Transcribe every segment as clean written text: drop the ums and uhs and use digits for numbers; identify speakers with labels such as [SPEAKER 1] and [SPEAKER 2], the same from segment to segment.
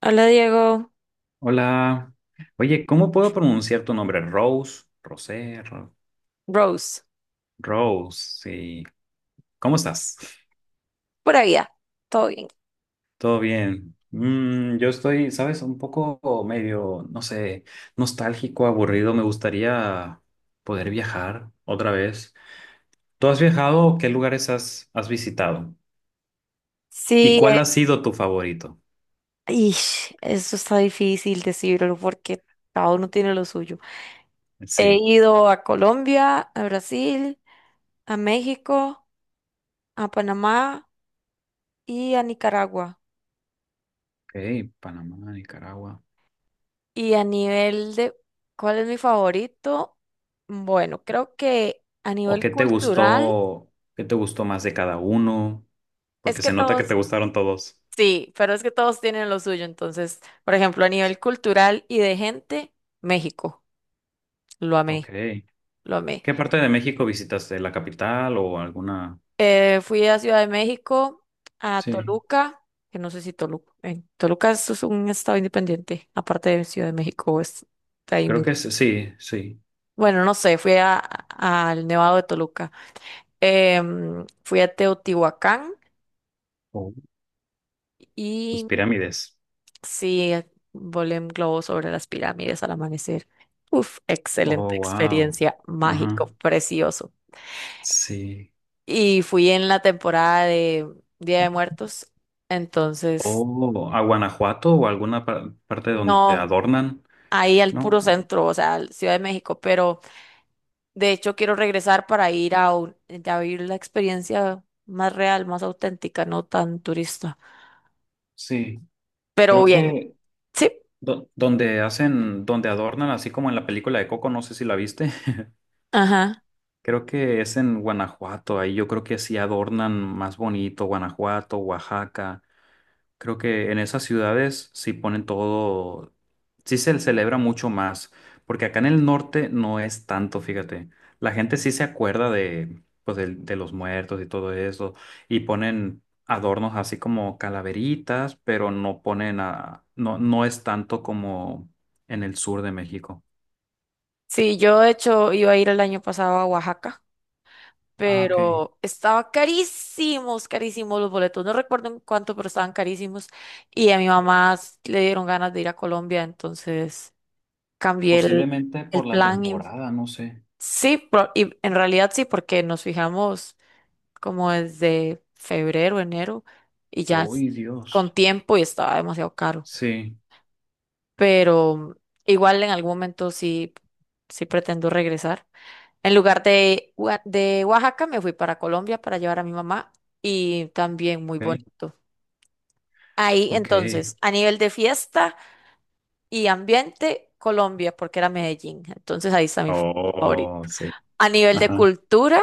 [SPEAKER 1] Hola, Diego.
[SPEAKER 2] Hola. Oye, ¿cómo puedo pronunciar tu nombre? Rose, Rosé, Ro-
[SPEAKER 1] Rose,
[SPEAKER 2] Rose, sí. ¿Cómo estás?
[SPEAKER 1] por allá, todo bien.
[SPEAKER 2] ¿Todo bien? Mm, yo estoy, ¿sabes? Un poco medio, no sé, nostálgico, aburrido. Me gustaría poder viajar otra vez. ¿Tú has viajado? ¿Qué lugares has visitado? ¿Y
[SPEAKER 1] Sí,
[SPEAKER 2] cuál ha sido tu favorito?
[SPEAKER 1] ish, eso está difícil decirlo porque cada uno tiene lo suyo. He
[SPEAKER 2] Sí.
[SPEAKER 1] ido a Colombia, a Brasil, a México, a Panamá y a Nicaragua.
[SPEAKER 2] Ok, Panamá, Nicaragua.
[SPEAKER 1] Y a nivel de, ¿cuál es mi favorito? Bueno, creo que a
[SPEAKER 2] ¿O
[SPEAKER 1] nivel
[SPEAKER 2] qué te
[SPEAKER 1] cultural,
[SPEAKER 2] gustó? ¿Qué te gustó más de cada uno?
[SPEAKER 1] es
[SPEAKER 2] Porque
[SPEAKER 1] que
[SPEAKER 2] se nota que te
[SPEAKER 1] todos,
[SPEAKER 2] gustaron todos.
[SPEAKER 1] sí, pero es que todos tienen lo suyo. Entonces, por ejemplo, a nivel cultural y de gente, México, lo
[SPEAKER 2] Ok.
[SPEAKER 1] amé, lo amé.
[SPEAKER 2] ¿Qué parte de México visitaste? ¿La capital o alguna?
[SPEAKER 1] Fui a Ciudad de México, a
[SPEAKER 2] Sí,
[SPEAKER 1] Toluca, que no sé si Toluca, en Toluca es un estado independiente, aparte de Ciudad de México, es de ahí mismo.
[SPEAKER 2] sí, sí.
[SPEAKER 1] Bueno, no sé, fui al Nevado de Toluca. Fui a Teotihuacán
[SPEAKER 2] Oh. Las
[SPEAKER 1] y
[SPEAKER 2] pirámides.
[SPEAKER 1] sí, volé en globo sobre las pirámides al amanecer. Uf,
[SPEAKER 2] Oh,
[SPEAKER 1] excelente
[SPEAKER 2] wow.
[SPEAKER 1] experiencia,
[SPEAKER 2] Ajá.
[SPEAKER 1] mágico, precioso.
[SPEAKER 2] Sí.
[SPEAKER 1] Y fui en la temporada de Día de Muertos,
[SPEAKER 2] O
[SPEAKER 1] entonces
[SPEAKER 2] a Guanajuato o alguna parte donde
[SPEAKER 1] no,
[SPEAKER 2] adornan,
[SPEAKER 1] ahí al
[SPEAKER 2] ¿no?
[SPEAKER 1] puro centro, o sea, al Ciudad de México, pero de hecho quiero regresar para ir a, a vivir la experiencia más real, más auténtica, no tan turista.
[SPEAKER 2] Sí,
[SPEAKER 1] Pero
[SPEAKER 2] creo
[SPEAKER 1] bien,
[SPEAKER 2] que
[SPEAKER 1] sí,
[SPEAKER 2] donde hacen, donde adornan, así como en la película de Coco, no sé si la viste.
[SPEAKER 1] ajá.
[SPEAKER 2] Creo que es en Guanajuato, ahí yo creo que sí adornan más bonito, Guanajuato, Oaxaca. Creo que en esas ciudades sí ponen todo, sí se celebra mucho más, porque acá en el norte no es tanto, fíjate. La gente sí se acuerda de, pues, de, los muertos y todo eso, y ponen adornos así como calaveritas, pero no ponen a, no, no es tanto como en el sur de México.
[SPEAKER 1] Sí, yo de hecho iba a ir el año pasado a Oaxaca,
[SPEAKER 2] Ah, ok.
[SPEAKER 1] pero estaba carísimos, carísimos los boletos. No recuerdo en cuánto, pero estaban carísimos. Y a mi mamá le dieron ganas de ir a Colombia, entonces cambié
[SPEAKER 2] Posiblemente por
[SPEAKER 1] el
[SPEAKER 2] la
[SPEAKER 1] plan. Y
[SPEAKER 2] temporada, no sé.
[SPEAKER 1] sí, y en realidad sí, porque nos fijamos como desde febrero, enero, y ya
[SPEAKER 2] ¡Ay, Dios!
[SPEAKER 1] con tiempo, y estaba demasiado caro.
[SPEAKER 2] Sí,
[SPEAKER 1] Pero igual en algún momento sí, sí pretendo regresar. En lugar de, de Oaxaca, me fui para Colombia para llevar a mi mamá, y también muy
[SPEAKER 2] ok,
[SPEAKER 1] bonito. Ahí
[SPEAKER 2] ok.
[SPEAKER 1] entonces, a nivel de fiesta y ambiente, Colombia, porque era Medellín. Entonces ahí está mi favorito.
[SPEAKER 2] Oh, sí.
[SPEAKER 1] A nivel de
[SPEAKER 2] Ajá,
[SPEAKER 1] cultura,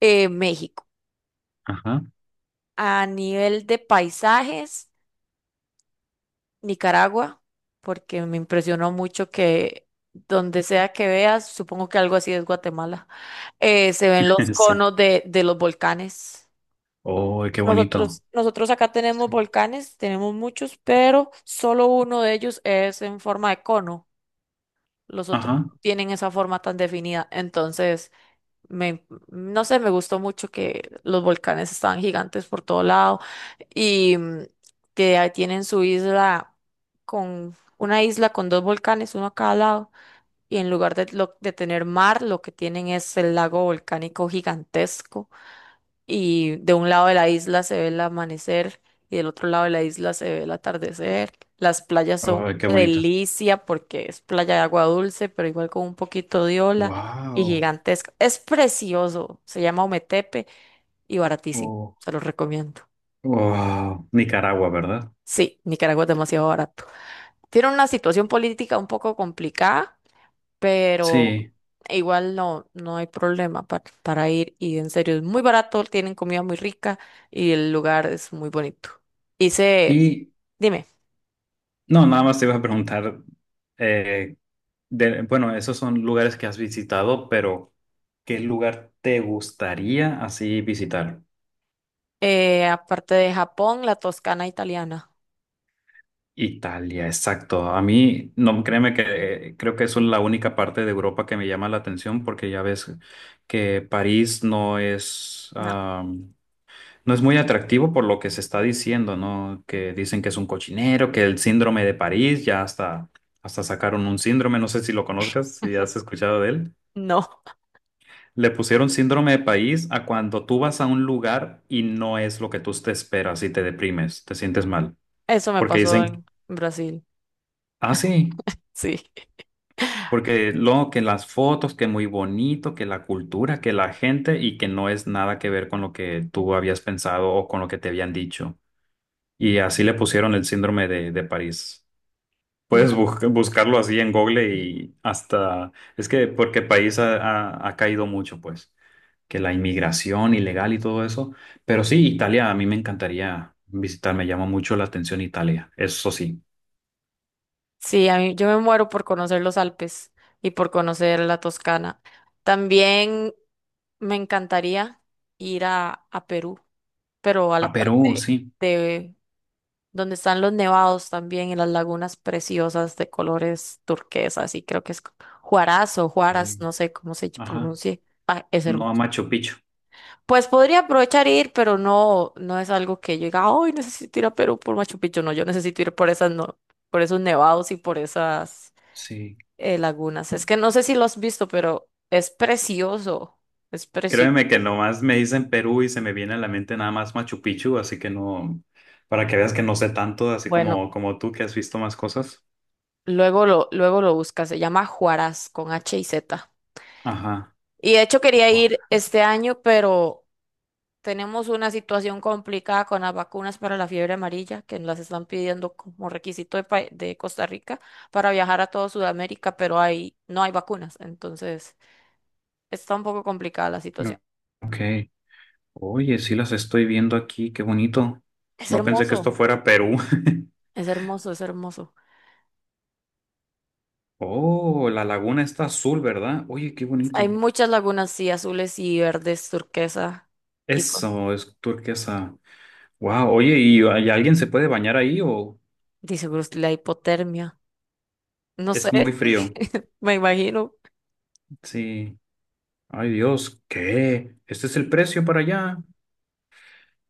[SPEAKER 1] México.
[SPEAKER 2] ajá.
[SPEAKER 1] A nivel de paisajes, Nicaragua, porque me impresionó mucho que donde sea que veas, supongo que algo así es Guatemala, se ven los
[SPEAKER 2] Sí.
[SPEAKER 1] conos de los volcanes.
[SPEAKER 2] Oh, qué bonito.
[SPEAKER 1] Nosotros acá tenemos
[SPEAKER 2] Sí.
[SPEAKER 1] volcanes, tenemos muchos, pero solo uno de ellos es en forma de cono. Los otros
[SPEAKER 2] Ajá.
[SPEAKER 1] no tienen esa forma tan definida. Entonces, me, no sé, me gustó mucho que los volcanes estaban gigantes por todo lado y que ahí tienen su isla, con una isla con dos volcanes, uno a cada lado. Y en lugar de, de tener mar, lo que tienen es el lago volcánico gigantesco, y de un lado de la isla se ve el amanecer y del otro lado de la isla se ve el atardecer. Las playas son
[SPEAKER 2] Oh, qué
[SPEAKER 1] una
[SPEAKER 2] bonito.
[SPEAKER 1] delicia porque es playa de agua dulce, pero igual con un poquito de ola y
[SPEAKER 2] Wow.
[SPEAKER 1] gigantesca. Es precioso, se llama Ometepe, y baratísimo,
[SPEAKER 2] Oh.
[SPEAKER 1] se los recomiendo.
[SPEAKER 2] Wow. Nicaragua, ¿verdad?
[SPEAKER 1] Sí, Nicaragua es demasiado barato. Tiene una situación política un poco complicada, pero
[SPEAKER 2] Sí.
[SPEAKER 1] igual no, no hay problema para ir, y en serio es muy barato, tienen comida muy rica y el lugar es muy bonito. Hice,
[SPEAKER 2] Y
[SPEAKER 1] dime,
[SPEAKER 2] no, nada más te iba a preguntar, eh, bueno, esos son lugares que has visitado, pero ¿qué lugar te gustaría así visitar?
[SPEAKER 1] aparte de Japón, la Toscana italiana.
[SPEAKER 2] Italia, exacto. A mí, no, créeme que creo que eso es la única parte de Europa que me llama la atención porque ya ves que París no es.
[SPEAKER 1] No,
[SPEAKER 2] No es muy atractivo por lo que se está diciendo, ¿no? Que dicen que es un cochinero, que el síndrome de París, ya hasta sacaron un síndrome, no sé si lo conozcas, si has escuchado de él.
[SPEAKER 1] no,
[SPEAKER 2] Le pusieron síndrome de París a cuando tú vas a un lugar y no es lo que tú te esperas y te deprimes, te sientes mal.
[SPEAKER 1] eso me
[SPEAKER 2] Porque
[SPEAKER 1] pasó
[SPEAKER 2] dicen,
[SPEAKER 1] en Brasil,
[SPEAKER 2] ah, sí,
[SPEAKER 1] sí.
[SPEAKER 2] porque lo que las fotos, que muy bonito, que la cultura, que la gente y que no es nada que ver con lo que tú habías pensado o con lo que te habían dicho. Y así le pusieron el síndrome de París.
[SPEAKER 1] No,
[SPEAKER 2] Puedes buscarlo así en Google y hasta, es que porque el país ha, ha caído mucho, pues, que la inmigración ilegal y todo eso. Pero sí, Italia, a mí me encantaría visitar, me llama mucho la atención Italia, eso sí.
[SPEAKER 1] sí, a mí, yo me muero por conocer los Alpes y por conocer la Toscana. También me encantaría ir a Perú, pero a
[SPEAKER 2] A
[SPEAKER 1] la
[SPEAKER 2] Perú,
[SPEAKER 1] parte
[SPEAKER 2] sí.
[SPEAKER 1] de donde están los nevados también, y las lagunas preciosas de colores turquesas, y creo que es Juaraz o Juaras,
[SPEAKER 2] Eh,
[SPEAKER 1] no sé cómo se
[SPEAKER 2] ajá,
[SPEAKER 1] pronuncie. Ah, es
[SPEAKER 2] no a
[SPEAKER 1] hermoso.
[SPEAKER 2] Machu Picchu,
[SPEAKER 1] Pues podría aprovechar e ir, pero no, no es algo que yo diga, ay, necesito ir a Perú por Machu Picchu. No, yo necesito ir por esas, no, por esos nevados y por esas
[SPEAKER 2] sí.
[SPEAKER 1] lagunas. Es que no sé si lo has visto, pero es precioso. Es
[SPEAKER 2] Créeme que
[SPEAKER 1] precioso.
[SPEAKER 2] nomás me dicen Perú y se me viene a la mente nada más Machu Picchu, así que no, para que veas que no sé tanto, así
[SPEAKER 1] Bueno,
[SPEAKER 2] como, como tú que has visto más cosas.
[SPEAKER 1] luego lo buscas. Se llama Juaraz con H y Z.
[SPEAKER 2] Ajá.
[SPEAKER 1] Y de hecho quería ir
[SPEAKER 2] Guara.
[SPEAKER 1] este año, pero tenemos una situación complicada con las vacunas para la fiebre amarilla, que las están pidiendo como requisito de, de Costa Rica para viajar a toda Sudamérica, pero hay, no hay vacunas. Entonces, está un poco complicada la situación.
[SPEAKER 2] Ok. Oye, sí las estoy viendo aquí, qué bonito.
[SPEAKER 1] Es
[SPEAKER 2] No pensé que esto
[SPEAKER 1] hermoso,
[SPEAKER 2] fuera Perú.
[SPEAKER 1] es hermoso, es hermoso.
[SPEAKER 2] Oh, la laguna está azul, ¿verdad? Oye, qué
[SPEAKER 1] Hay
[SPEAKER 2] bonito.
[SPEAKER 1] muchas lagunas, sí, azules y verdes, turquesa, y con,
[SPEAKER 2] Eso es turquesa. Wow, oye, y alguien se puede bañar ahí o
[SPEAKER 1] dice Bruce, la hipotermia. No sé,
[SPEAKER 2] es muy frío?
[SPEAKER 1] me imagino.
[SPEAKER 2] Sí. Ay, Dios, ¿qué? ¿Este es el precio para allá?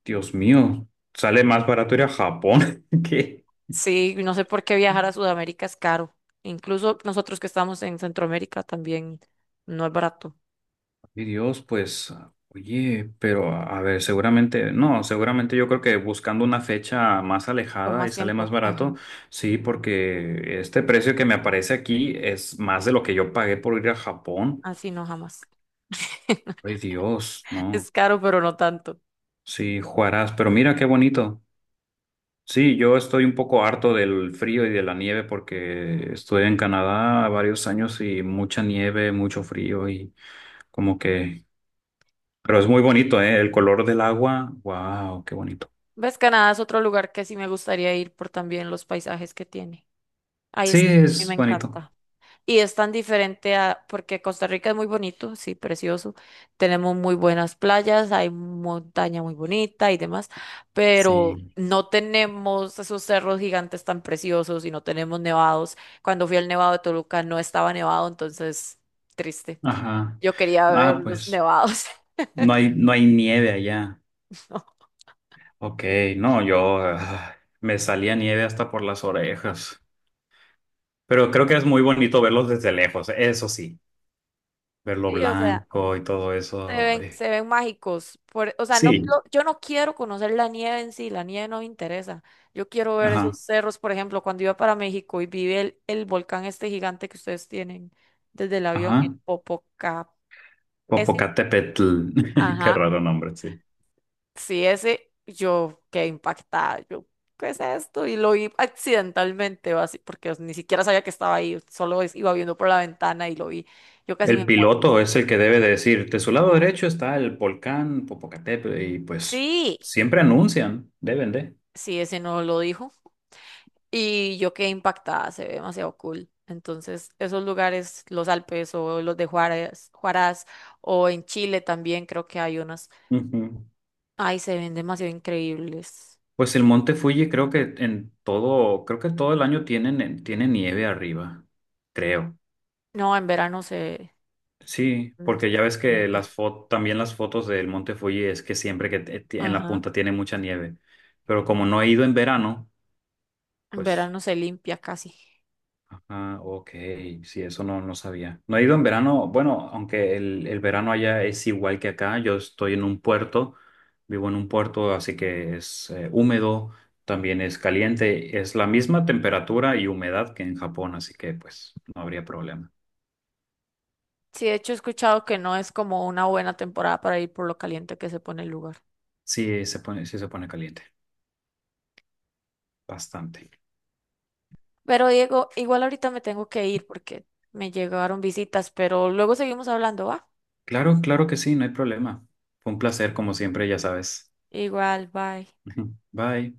[SPEAKER 2] Dios mío, sale más barato ir a Japón. ¿Qué?
[SPEAKER 1] Sí, no sé por qué viajar a Sudamérica es caro. Incluso nosotros que estamos en Centroamérica también no es barato.
[SPEAKER 2] Y Dios, pues, oye, pero a ver, seguramente, no, seguramente yo creo que buscando una fecha más
[SPEAKER 1] Con
[SPEAKER 2] alejada y
[SPEAKER 1] más
[SPEAKER 2] sale más
[SPEAKER 1] tiempo.
[SPEAKER 2] barato,
[SPEAKER 1] Ajá.
[SPEAKER 2] sí, porque este precio que me aparece aquí es más de lo que yo pagué por ir a Japón.
[SPEAKER 1] Así no, jamás.
[SPEAKER 2] Ay, Dios, no,
[SPEAKER 1] Es caro, pero no tanto.
[SPEAKER 2] sí, Juarás, pero mira qué bonito. Sí, yo estoy un poco harto del frío y de la nieve porque estuve en Canadá varios años y mucha nieve, mucho frío y como que, pero es muy bonito, ¿eh? El color del agua, wow, qué bonito.
[SPEAKER 1] Ves, Canadá es otro lugar que sí me gustaría ir, por también los paisajes que tiene. Ay,
[SPEAKER 2] Sí,
[SPEAKER 1] es que a mí me
[SPEAKER 2] es bonito.
[SPEAKER 1] encanta. Y es tan diferente a, porque Costa Rica es muy bonito, sí, precioso. Tenemos muy buenas playas, hay montaña muy bonita y demás, pero
[SPEAKER 2] Sí.
[SPEAKER 1] no tenemos esos cerros gigantes tan preciosos y no tenemos nevados. Cuando fui al Nevado de Toluca no estaba nevado, entonces triste.
[SPEAKER 2] Ajá.
[SPEAKER 1] Yo quería ver
[SPEAKER 2] Ah,
[SPEAKER 1] los
[SPEAKER 2] pues
[SPEAKER 1] nevados.
[SPEAKER 2] no hay, no hay nieve allá.
[SPEAKER 1] ¿No?
[SPEAKER 2] Ok, no, yo ah, me salía nieve hasta por las orejas. Pero creo que es muy bonito verlos desde lejos, eso sí, verlo
[SPEAKER 1] Sí, o sea.
[SPEAKER 2] blanco y todo eso. Ay.
[SPEAKER 1] Se ven mágicos. Por, o sea, no,
[SPEAKER 2] Sí,
[SPEAKER 1] yo no quiero conocer la nieve en sí, la nieve no me interesa. Yo quiero ver esos
[SPEAKER 2] ajá,
[SPEAKER 1] cerros, por ejemplo, cuando iba para México y vi el volcán este gigante que ustedes tienen desde el avión,
[SPEAKER 2] ajá.
[SPEAKER 1] el Popocá. Ese,
[SPEAKER 2] Popocatépetl, qué
[SPEAKER 1] ajá,
[SPEAKER 2] raro nombre, sí.
[SPEAKER 1] sí, ese, yo quedé impactada. Yo, ¿qué es esto? Y lo vi accidentalmente, así, porque ni siquiera sabía que estaba ahí, solo iba viendo por la ventana y lo vi. Yo casi me
[SPEAKER 2] El
[SPEAKER 1] muero.
[SPEAKER 2] piloto es el que debe de decir, de su lado derecho está el volcán Popocatépetl y pues
[SPEAKER 1] Sí,
[SPEAKER 2] siempre anuncian, deben de.
[SPEAKER 1] sí, ese no lo dijo. Y yo quedé impactada, se ve demasiado cool. Entonces, esos lugares, los Alpes o los de Juárez, Juárez, o en Chile también creo que hay unas.
[SPEAKER 2] Ujú.
[SPEAKER 1] Ay, se ven demasiado increíbles.
[SPEAKER 2] Pues el Monte Fuji creo que en todo, creo que todo el año tienen, tiene nieve arriba, creo.
[SPEAKER 1] No, en verano se
[SPEAKER 2] Sí, porque
[SPEAKER 1] se
[SPEAKER 2] ya ves que
[SPEAKER 1] limpia.
[SPEAKER 2] las fotos, también las fotos del Monte Fuji es que siempre que en la
[SPEAKER 1] Ajá,
[SPEAKER 2] punta tiene mucha nieve, pero como no he ido en verano,
[SPEAKER 1] en
[SPEAKER 2] pues
[SPEAKER 1] verano se limpia casi.
[SPEAKER 2] ah, ok, sí, eso no, no sabía. No he ido en verano, bueno, aunque el verano allá es igual que acá, yo estoy en un puerto, vivo en un puerto, así que es húmedo, también es caliente, es la misma temperatura y humedad que en Japón, así que pues no habría problema.
[SPEAKER 1] Sí, de hecho he escuchado que no es como una buena temporada para ir por lo caliente que se pone el lugar.
[SPEAKER 2] Sí se pone caliente, bastante.
[SPEAKER 1] Pero Diego, igual ahorita me tengo que ir porque me llegaron visitas, pero luego seguimos hablando, ¿va?
[SPEAKER 2] Claro, claro que sí, no hay problema. Fue un placer, como siempre, ya sabes.
[SPEAKER 1] Igual, bye.
[SPEAKER 2] Bye.